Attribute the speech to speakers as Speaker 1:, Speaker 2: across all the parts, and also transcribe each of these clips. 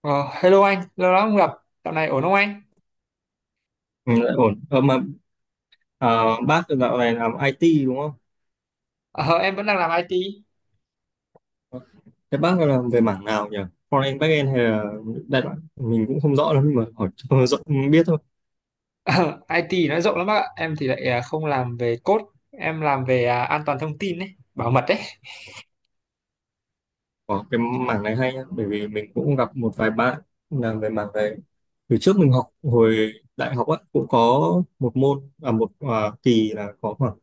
Speaker 1: Ờ, hello anh, lâu lắm không gặp, dạo này ổn không anh?
Speaker 2: Ừ, lại ổn. Ờ, mà bác dạo này làm IT đúng không?
Speaker 1: Ờ, em vẫn đang làm IT.
Speaker 2: Thế bác làm về mảng nào nhỉ? Front-end, back-end hay là đại loại? Mình cũng không rõ lắm nhưng mà hỏi cho rõ, biết thôi.
Speaker 1: Ờ, IT nó rộng lắm bác ạ, em thì lại không làm về code, em làm về an toàn thông tin đấy, bảo mật đấy.
Speaker 2: Có cái mảng này hay nhá, bởi vì mình cũng gặp một vài bạn làm về mảng này. Từ trước mình học hồi đại học á, cũng có một môn, một kỳ là có khoảng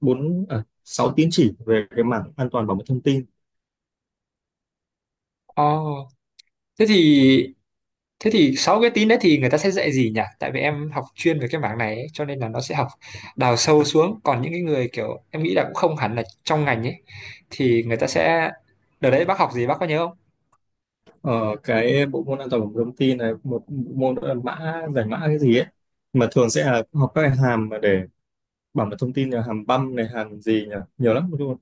Speaker 2: 6 tín chỉ về cái mảng an toàn bảo mật thông tin.
Speaker 1: Ồ, thế thì thế thì sáu cái tín đấy thì người ta sẽ dạy gì nhỉ? Tại vì em học chuyên về cái mảng này ấy, cho nên là nó sẽ học đào sâu xuống. Còn những cái người kiểu em nghĩ là cũng không hẳn là trong ngành ấy, thì người ta sẽ đợt đấy bác học gì bác có nhớ không?
Speaker 2: Ờ, cái bộ môn an toàn của thông tin này một bộ môn đó là mã giải mã cái gì ấy, mà thường sẽ là học các cái hàm mà để bảo mật thông tin là hàm băm này, hàm gì nhỉ, nhiều lắm luôn.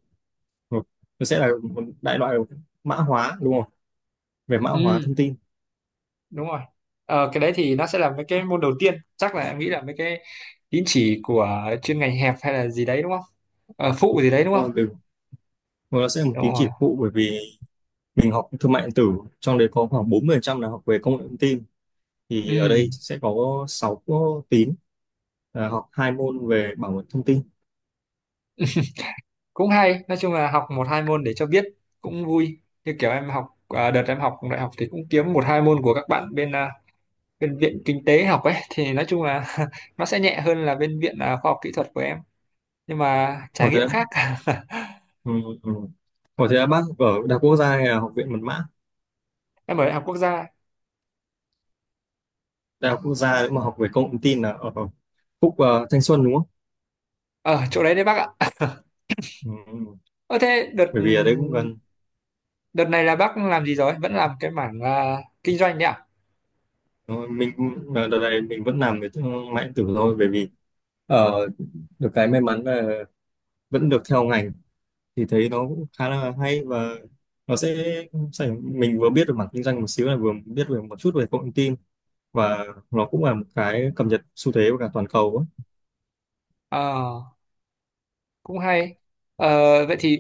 Speaker 2: Nó sẽ là một đại loại mã hóa đúng không, về mã hóa
Speaker 1: Ừ,
Speaker 2: thông tin.
Speaker 1: đúng rồi. Cái đấy thì nó sẽ là mấy cái môn đầu tiên, chắc là em nghĩ là mấy cái tín chỉ của chuyên ngành hẹp hay là gì đấy đúng không? Phụ gì đấy đúng không?
Speaker 2: còn về- còn nó sẽ là một
Speaker 1: Đúng
Speaker 2: tín
Speaker 1: rồi.
Speaker 2: chỉ phụ, bởi vì mình học thương mại điện tử, trong đấy có khoảng 40% là học về công nghệ thông tin,
Speaker 1: Ừ,
Speaker 2: thì ở đây sẽ có 6 tín là học hai môn về bảo mật thông tin.
Speaker 1: cũng hay, nói chung là học một hai môn để cho biết, cũng vui. Như kiểu em học, đợt em học đại học thì cũng kiếm một hai môn của các bạn bên bên viện kinh tế học ấy, thì nói chung là nó sẽ nhẹ hơn là bên viện khoa học kỹ thuật của em, nhưng mà trải
Speaker 2: Có
Speaker 1: nghiệm
Speaker 2: thế,
Speaker 1: khác.
Speaker 2: ừ, ừ. Ủa thế là bác ở Đại học Quốc gia hay là Học viện Mật mã?
Speaker 1: Em ở đại học quốc gia,
Speaker 2: Đại học Quốc gia nếu mà học về công nghệ thông tin là ở Phúc Thanh Xuân đúng không?
Speaker 1: ở chỗ đấy đấy bác ạ.
Speaker 2: Ừ. Ừ.
Speaker 1: Ờ thế đợt
Speaker 2: Bởi vì ở đấy cũng gần.
Speaker 1: đợt này là bác làm gì rồi, vẫn làm cái mảng kinh doanh đấy ạ?
Speaker 2: Ờ, mình cũng- đợt này mình vẫn làm về thương mại điện tử thôi, bởi vì ờ, được cái may mắn là vẫn được theo ngành, thì thấy nó cũng khá là hay, và nó sẽ, sẽ mình vừa biết được mảng kinh doanh một xíu là vừa biết về một chút về công nghệ thông tin, và nó cũng là một cái cập nhật xu thế của cả toàn cầu á.
Speaker 1: Ờ cũng hay. Ờ, vậy thì,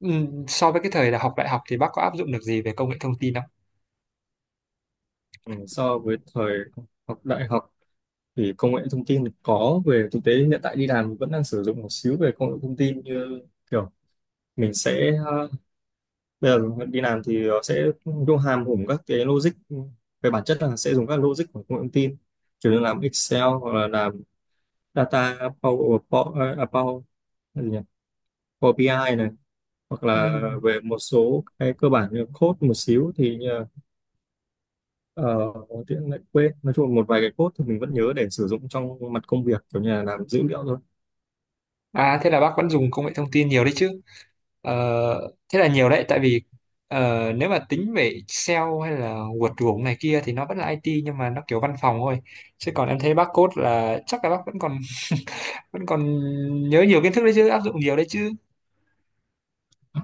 Speaker 1: so với cái thời là học đại học thì bác có áp dụng được gì về công nghệ thông tin không?
Speaker 2: Ừ, so với thời học đại học thì công nghệ thông tin có về thực tế hiện tại, đi làm vẫn đang sử dụng một xíu về công nghệ thông tin, như kiểu mình sẽ bây giờ đi làm thì sẽ vô hàm hùng các cái logic, về bản chất là sẽ dùng các logic của công nghệ thông tin, chủ yếu làm Excel hoặc là làm data Power, cái gì nhỉ? Power BI ai này, hoặc là
Speaker 1: Ừm.
Speaker 2: về một số cái cơ bản như code một xíu thì uh, lại quên, nói chung là một vài cái code thì mình vẫn nhớ để sử dụng trong mặt công việc kiểu như là làm dữ liệu thôi.
Speaker 1: Thế là bác vẫn dùng công nghệ thông tin nhiều đấy chứ? Ờ, thế là nhiều đấy, tại vì nếu mà tính về Excel hay là WordPress này kia thì nó vẫn là IT, nhưng mà nó kiểu văn phòng thôi. Chứ còn em thấy bác code là chắc là bác vẫn còn nhớ nhiều kiến thức đấy chứ, áp dụng nhiều đấy chứ.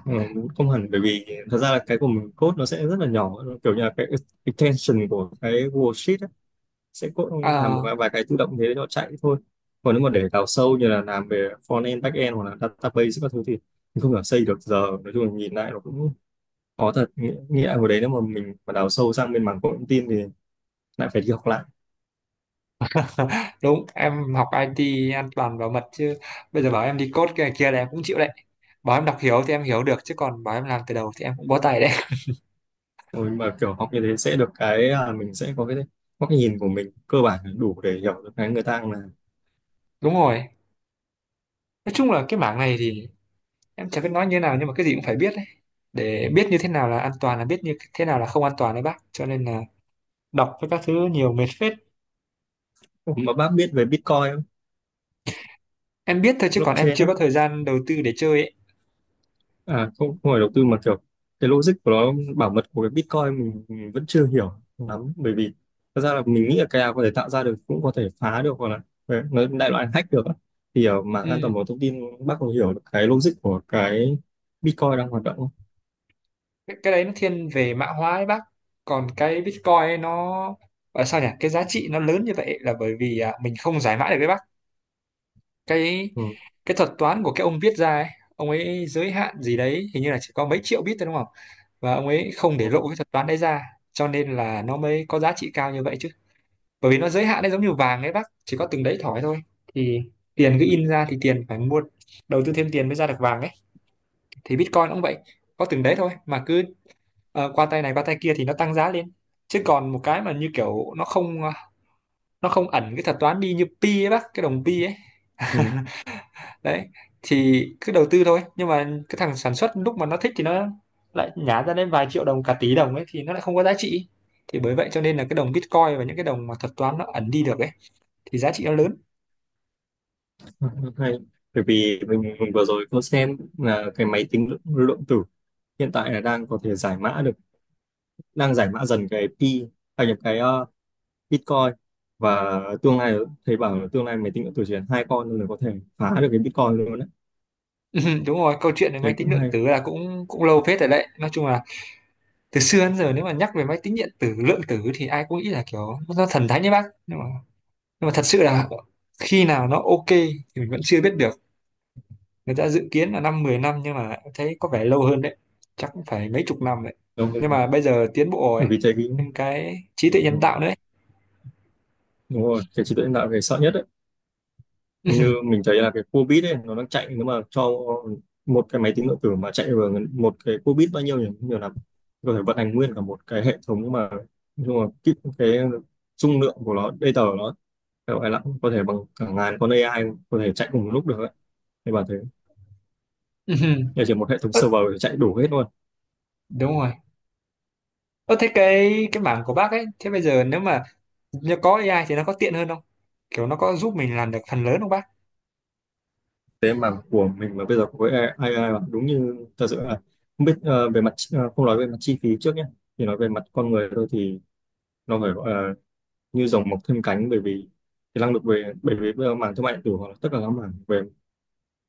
Speaker 2: Ừ, không hẳn, bởi vì thật ra là cái của mình code nó sẽ rất là nhỏ, nó kiểu như là cái extension của cái worksheet ấy, sẽ code làm một
Speaker 1: À,
Speaker 2: vài vài cái tự động thế nó chạy thôi. Còn nếu mà để đào sâu như là làm về front end, back end hoặc là database các thứ thì mình không thể xây được giờ, nói chung là nhìn lại nó cũng khó thật. Nghĩa là hồi đấy nếu mà mình mà đào sâu sang bên mảng công nghệ thông tin thì lại phải đi học lại,
Speaker 1: đúng, em học IT an toàn bảo mật chứ, bây giờ bảo em đi code kia kia là em cũng chịu đấy. Bảo em đọc hiểu thì em hiểu được, chứ còn bảo em làm từ đầu thì em cũng bó tay đấy.
Speaker 2: rồi mà kiểu học như thế sẽ được cái là mình sẽ có cái góc nhìn của mình cơ bản là đủ để hiểu được cái người ta là.
Speaker 1: Đúng rồi, nói chung là cái mảng này thì em chẳng biết nói như thế nào, nhưng mà cái gì cũng phải biết đấy, để biết như thế nào là an toàn, là biết như thế nào là không an toàn đấy bác, cho nên là đọc với các thứ nhiều mệt phết.
Speaker 2: Ủa, mà bác biết về Bitcoin không?
Speaker 1: Em biết thôi, chứ còn em
Speaker 2: Blockchain
Speaker 1: chưa có
Speaker 2: á.
Speaker 1: thời gian đầu tư để chơi ấy.
Speaker 2: À, không, không phải đầu tư mà kiểu cái logic của nó bảo mật của cái Bitcoin mình vẫn chưa hiểu lắm, bởi vì thật ra là mình nghĩ là cái nào có thể tạo ra được cũng có thể phá được, hoặc là đấy, nói đại loại hack được á. Thì ở mạng
Speaker 1: Ừ.
Speaker 2: an toàn bảo mật thông tin, bác có hiểu được cái logic của cái Bitcoin đang hoạt động không?
Speaker 1: cái đấy nó thiên về mã hóa ấy bác. Còn cái Bitcoin ấy nó gọi là sao nhỉ, cái giá trị nó lớn như vậy là bởi vì mình không giải mã được đấy bác. cái
Speaker 2: Ừ.
Speaker 1: cái thuật toán của cái ông viết ra ấy, ông ấy giới hạn gì đấy hình như là chỉ có mấy triệu bit thôi đúng không, và ông ấy không để
Speaker 2: Ừ.
Speaker 1: lộ cái thuật toán đấy ra, cho nên là nó mới có giá trị cao như vậy chứ. Bởi vì nó giới hạn đấy, giống như vàng ấy bác, chỉ có từng đấy thỏi thôi. Thì tiền cứ in ra thì tiền phải mua, đầu tư thêm tiền mới ra được vàng ấy. Thì Bitcoin cũng vậy, có từng đấy thôi, mà cứ qua tay này qua tay kia thì nó tăng giá lên. Chứ còn một cái mà như kiểu nó không, nó không ẩn cái thuật toán đi như pi ấy bác, cái đồng pi ấy
Speaker 2: Ừ.
Speaker 1: đấy, thì cứ đầu tư thôi. Nhưng mà cái thằng sản xuất lúc mà nó thích thì nó lại nhả ra đến vài triệu đồng, cả tỷ đồng ấy, thì nó lại không có giá trị. Thì bởi vậy cho nên là cái đồng Bitcoin và những cái đồng mà thuật toán nó ẩn đi được ấy, thì giá trị nó lớn.
Speaker 2: Hay. Bởi vì mình vừa rồi có xem là cái máy tính lượng tử hiện tại là đang có thể giải mã được, đang giải mã dần cái pi, nhập cái Bitcoin và tương lai, thầy bảo là tương lai máy tính điện tử chỉ cần hai con thôi là có thể phá được cái Bitcoin luôn đấy.
Speaker 1: Đúng rồi, câu chuyện về
Speaker 2: Thế
Speaker 1: máy tính
Speaker 2: cũng
Speaker 1: lượng
Speaker 2: hay.
Speaker 1: tử là cũng cũng lâu phết rồi đấy, nói chung là từ xưa đến giờ nếu mà nhắc về máy tính điện tử lượng tử thì ai cũng nghĩ là kiểu nó thần thánh đấy bác. Nhưng mà nhưng mà thật sự là khi nào nó ok thì mình vẫn chưa biết được. Người ta dự kiến là 5-10 năm, nhưng mà thấy có vẻ lâu hơn đấy, chắc cũng phải mấy chục năm đấy.
Speaker 2: Đúng
Speaker 1: Nhưng
Speaker 2: không?
Speaker 1: mà bây giờ tiến bộ
Speaker 2: Bởi
Speaker 1: rồi,
Speaker 2: vì thấy cái
Speaker 1: thêm cái trí tuệ
Speaker 2: ừ,
Speaker 1: nhân tạo nữa ấy.
Speaker 2: đúng rồi, cái trí tuệ nhân tạo là cái sợ nhất đấy. Như mình thấy là cái cua bit ấy nó đang chạy, nếu mà cho một cái máy tính điện tử mà chạy vào một cái cua bit bao nhiêu nhỉ, nhiều lắm, có thể vận hành nguyên cả một cái hệ thống mà. Nhưng mà cái dung lượng của nó, data của nó phải gọi là có thể bằng cả ngàn con AI có thể chạy cùng một lúc được ấy. Thế bảo thế, nhà chỉ một hệ thống
Speaker 1: Ơ,
Speaker 2: server thì chạy đủ hết luôn.
Speaker 1: đúng rồi. Ơ thế cái mảng của bác ấy, thế bây giờ nếu mà nhờ có AI thì nó có tiện hơn không, kiểu nó có giúp mình làm được phần lớn không bác?
Speaker 2: Tế mà của mình mà bây giờ với AI mà đúng như thật sự là không biết về mặt không nói về mặt chi phí trước nhé, thì nói về mặt con người thôi thì nó phải gọi là như rồng mọc thêm cánh, bởi vì cái năng lực về, bởi vì bây giờ mảng thương mại điện tử hoặc là tất cả các mảng về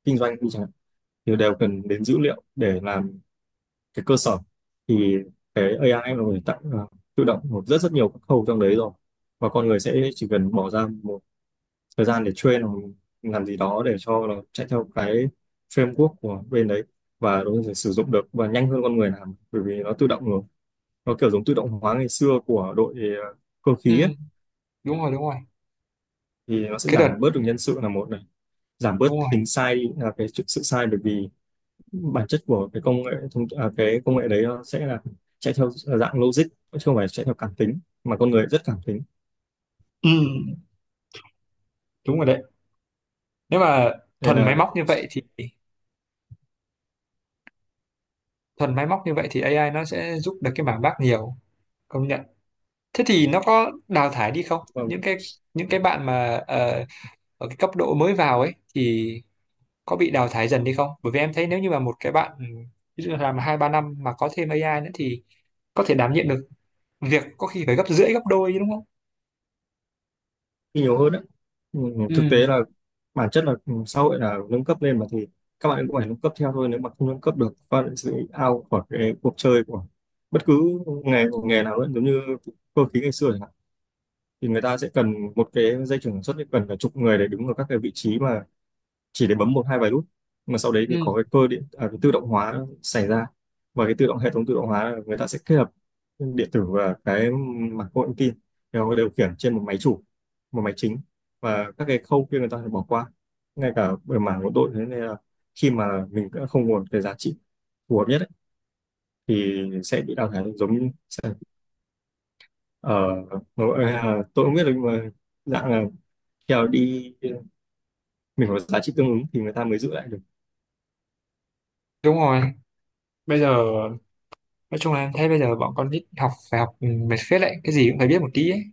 Speaker 2: kinh doanh đi chẳng hạn thì đều cần đến dữ liệu để làm cái cơ sở. Thì cái AI nó có thể tạo tự động một rất rất nhiều các khâu trong đấy rồi, và con người sẽ chỉ cần bỏ ra một thời gian để train hoặc làm gì đó để cho nó chạy theo cái framework của bên đấy, và nó có thể sử dụng được và nhanh hơn con người làm, bởi vì nó tự động rồi, nó kiểu giống tự động hóa ngày xưa của đội ờ, cơ
Speaker 1: Ừ,
Speaker 2: khí ấy.
Speaker 1: đúng rồi, đúng rồi.
Speaker 2: Thì nó sẽ
Speaker 1: Cái đợt
Speaker 2: giảm bớt được nhân sự là một này, giảm bớt
Speaker 1: Đúng rồi.
Speaker 2: tính sai đi, là sự sai, bởi vì bản chất của cái công nghệ đấy nó sẽ là chạy theo dạng logic, chứ không phải chạy theo cảm tính mà con người rất cảm tính,
Speaker 1: Ừ, đúng rồi đấy. Nếu mà
Speaker 2: nên
Speaker 1: thuần
Speaker 2: là
Speaker 1: máy móc như vậy thì thuần máy móc như vậy thì AI nó sẽ giúp được cái mảng bác nhiều, công nhận. Thế thì nó có đào thải đi không,
Speaker 2: ờ,
Speaker 1: những cái bạn mà, ở cái cấp độ mới vào ấy thì có bị đào thải dần đi không? Bởi vì em thấy nếu như mà một cái bạn, ví dụ làm 2-3 năm mà có thêm AI nữa thì có thể đảm nhiệm được việc có khi phải gấp rưỡi gấp đôi chứ đúng không?
Speaker 2: đi nhiều hơn đấy. Ừ, thực tế
Speaker 1: Ừ,
Speaker 2: là bản chất là ừ, xã hội là nâng cấp lên mà, thì các bạn cũng phải nâng cấp theo thôi, nếu mà không nâng cấp được các bạn sẽ out khỏi cái cuộc chơi của bất cứ nghề nghề nào ấy, giống như cơ khí ngày xưa chẳng hạn, thì người ta sẽ cần một cái dây chuyền sản xuất thì cần cả chục người để đứng ở các cái vị trí mà chỉ để bấm một hai vài nút, mà sau đấy thì có
Speaker 1: ừ,
Speaker 2: cái cơ điện à, cái tự động hóa xảy ra, và cái tự động hệ thống tự động hóa là người ta sẽ kết hợp điện tử và cái mạch công nghệ thông tin đều điều khiển trên một máy chủ, một máy chính, và các cái khâu kia người ta phải bỏ qua ngay cả về mảng của đội. Thế nên là khi mà mình đã không nguồn cái giá trị phù hợp nhất ấy, thì sẽ bị đào thải, giống như ở tôi không biết được mà dạng là theo đi, mình có giá trị tương ứng thì người ta mới giữ lại được.
Speaker 1: đúng rồi. Bây giờ nói chung là em thấy bây giờ bọn con nít học phải học, mệt phết đấy, cái gì cũng phải biết một tí ấy.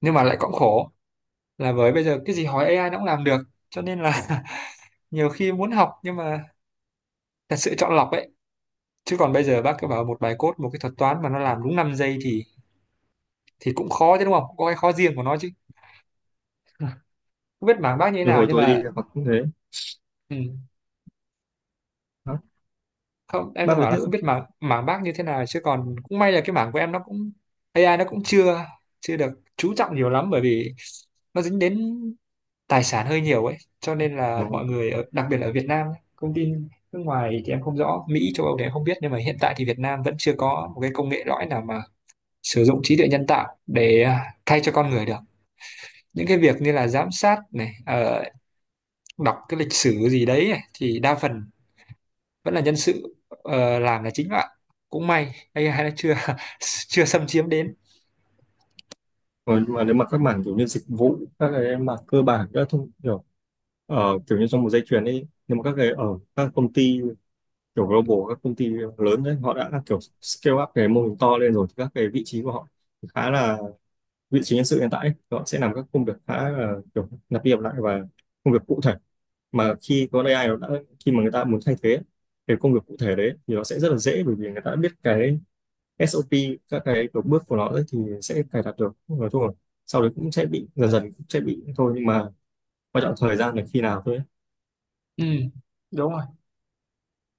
Speaker 1: Nhưng mà lại cũng khổ là với bây giờ cái gì hỏi AI nó cũng làm được, cho nên là nhiều khi muốn học nhưng mà thật sự chọn lọc ấy. Chứ còn bây giờ bác cứ bảo một bài code một cái thuật toán mà nó làm đúng 5 giây thì cũng khó chứ đúng không? Cũng có cái khó riêng của nó chứ, không biết mảng bác như thế
Speaker 2: Nhưng
Speaker 1: nào,
Speaker 2: hồi
Speaker 1: nhưng
Speaker 2: tôi đi
Speaker 1: mà
Speaker 2: là cũng thế,
Speaker 1: ừ, không em đang
Speaker 2: mang lại
Speaker 1: bảo là
Speaker 2: tiếp
Speaker 1: không biết mảng mảng bác như thế nào, chứ còn cũng may là cái mảng của em nó cũng, AI nó cũng chưa chưa được chú trọng nhiều lắm, bởi vì nó dính đến tài sản hơi nhiều ấy, cho nên là
Speaker 2: đúng
Speaker 1: mọi
Speaker 2: không?
Speaker 1: người ở, đặc biệt là ở Việt Nam ấy, công ty nước ngoài thì em không rõ, Mỹ châu Âu thì em không biết, nhưng mà hiện tại thì Việt Nam vẫn chưa có một cái công nghệ lõi nào mà sử dụng trí tuệ nhân tạo để thay cho con người được. Những cái việc như là giám sát này, đọc cái lịch sử gì đấy này, thì đa phần vẫn là nhân sự làm là chính bạn. Cũng may AI nó chưa chưa xâm chiếm đến.
Speaker 2: Nhưng mà nếu mà các mảng kiểu như dịch vụ, các cái mảng cơ bản các thông kiểu ở kiểu như trong một dây chuyền ấy, nhưng mà các cái ở các công ty kiểu global, các công ty lớn đấy họ đã kiểu scale up cái mô hình to lên rồi, thì các cái vị trí của họ khá là, vị trí nhân sự hiện tại ấy, họ sẽ làm các công việc khá là kiểu lặp đi lặp lại và công việc cụ thể, mà khi có AI nó đã, khi mà người ta muốn thay thế cái công việc cụ thể đấy thì nó sẽ rất là dễ, bởi vì người ta đã biết cái SOP, các cái kiểu bước của nó ấy thì sẽ cài đặt được, nói chung là sau đấy cũng sẽ bị dần dần cũng sẽ bị thôi, nhưng mà quan trọng thời gian là khi nào thôi ấy.
Speaker 1: Ừ, đúng rồi,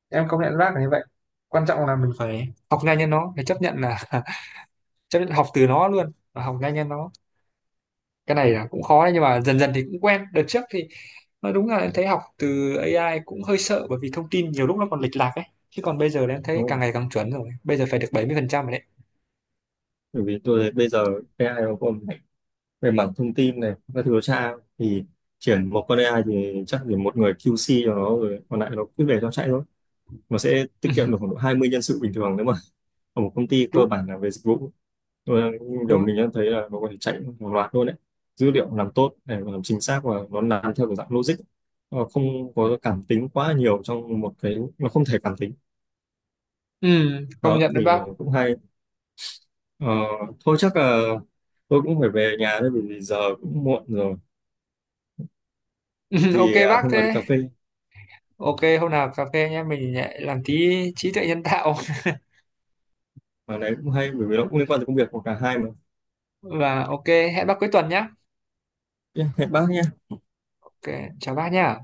Speaker 1: em công nhận bác là như vậy, quan trọng là mình phải học nhanh như nó, phải chấp nhận là chấp nhận học từ nó luôn và học nhanh như nó. Cái này là cũng khó đấy, nhưng mà dần dần thì cũng quen. Đợt trước thì nói đúng là em thấy học từ AI cũng hơi sợ, bởi vì thông tin nhiều lúc nó còn lệch lạc ấy. Chứ còn bây giờ là em thấy
Speaker 2: Đúng không?
Speaker 1: càng ngày càng chuẩn rồi, bây giờ phải được 70% rồi đấy.
Speaker 2: Bởi vì tôi thấy bây giờ AI nó còn mạnh về mảng thông tin này các thứ nó tra, thì chuyển một con AI thì chắc chỉ một người QC cho nó rồi còn lại nó cứ để cho chạy thôi, nó sẽ
Speaker 1: Ừ,
Speaker 2: tiết kiệm được khoảng độ 20 nhân sự bình thường nếu mà ở một công ty cơ
Speaker 1: đúng
Speaker 2: bản là về dịch vụ. Tôi
Speaker 1: đúng
Speaker 2: kiểu
Speaker 1: rồi.
Speaker 2: mình đã thấy là nó có thể chạy một loạt luôn đấy, dữ liệu làm tốt để mà làm chính xác và nó làm theo kiểu dạng logic. Nó không có cảm tính quá nhiều trong một cái, nó không thể cảm tính.
Speaker 1: Ừ, công
Speaker 2: Đó
Speaker 1: nhận đấy
Speaker 2: thì
Speaker 1: bác.
Speaker 2: cũng hay. Ờ, thôi chắc là tôi cũng phải về nhà thôi, bởi vì giờ cũng muộn rồi.
Speaker 1: Ừ, ok
Speaker 2: Thì
Speaker 1: bác
Speaker 2: hôm nào đi
Speaker 1: thế.
Speaker 2: cà phê,
Speaker 1: Ok hôm nào cà phê nhé, mình lại làm tí trí tuệ nhân tạo.
Speaker 2: mà đấy cũng hay bởi vì nó cũng liên quan tới công việc của cả hai mà.
Speaker 1: Và ok, hẹn bác cuối tuần nhé.
Speaker 2: Yeah, hẹn bác nhé.
Speaker 1: Ok, chào bác nhé.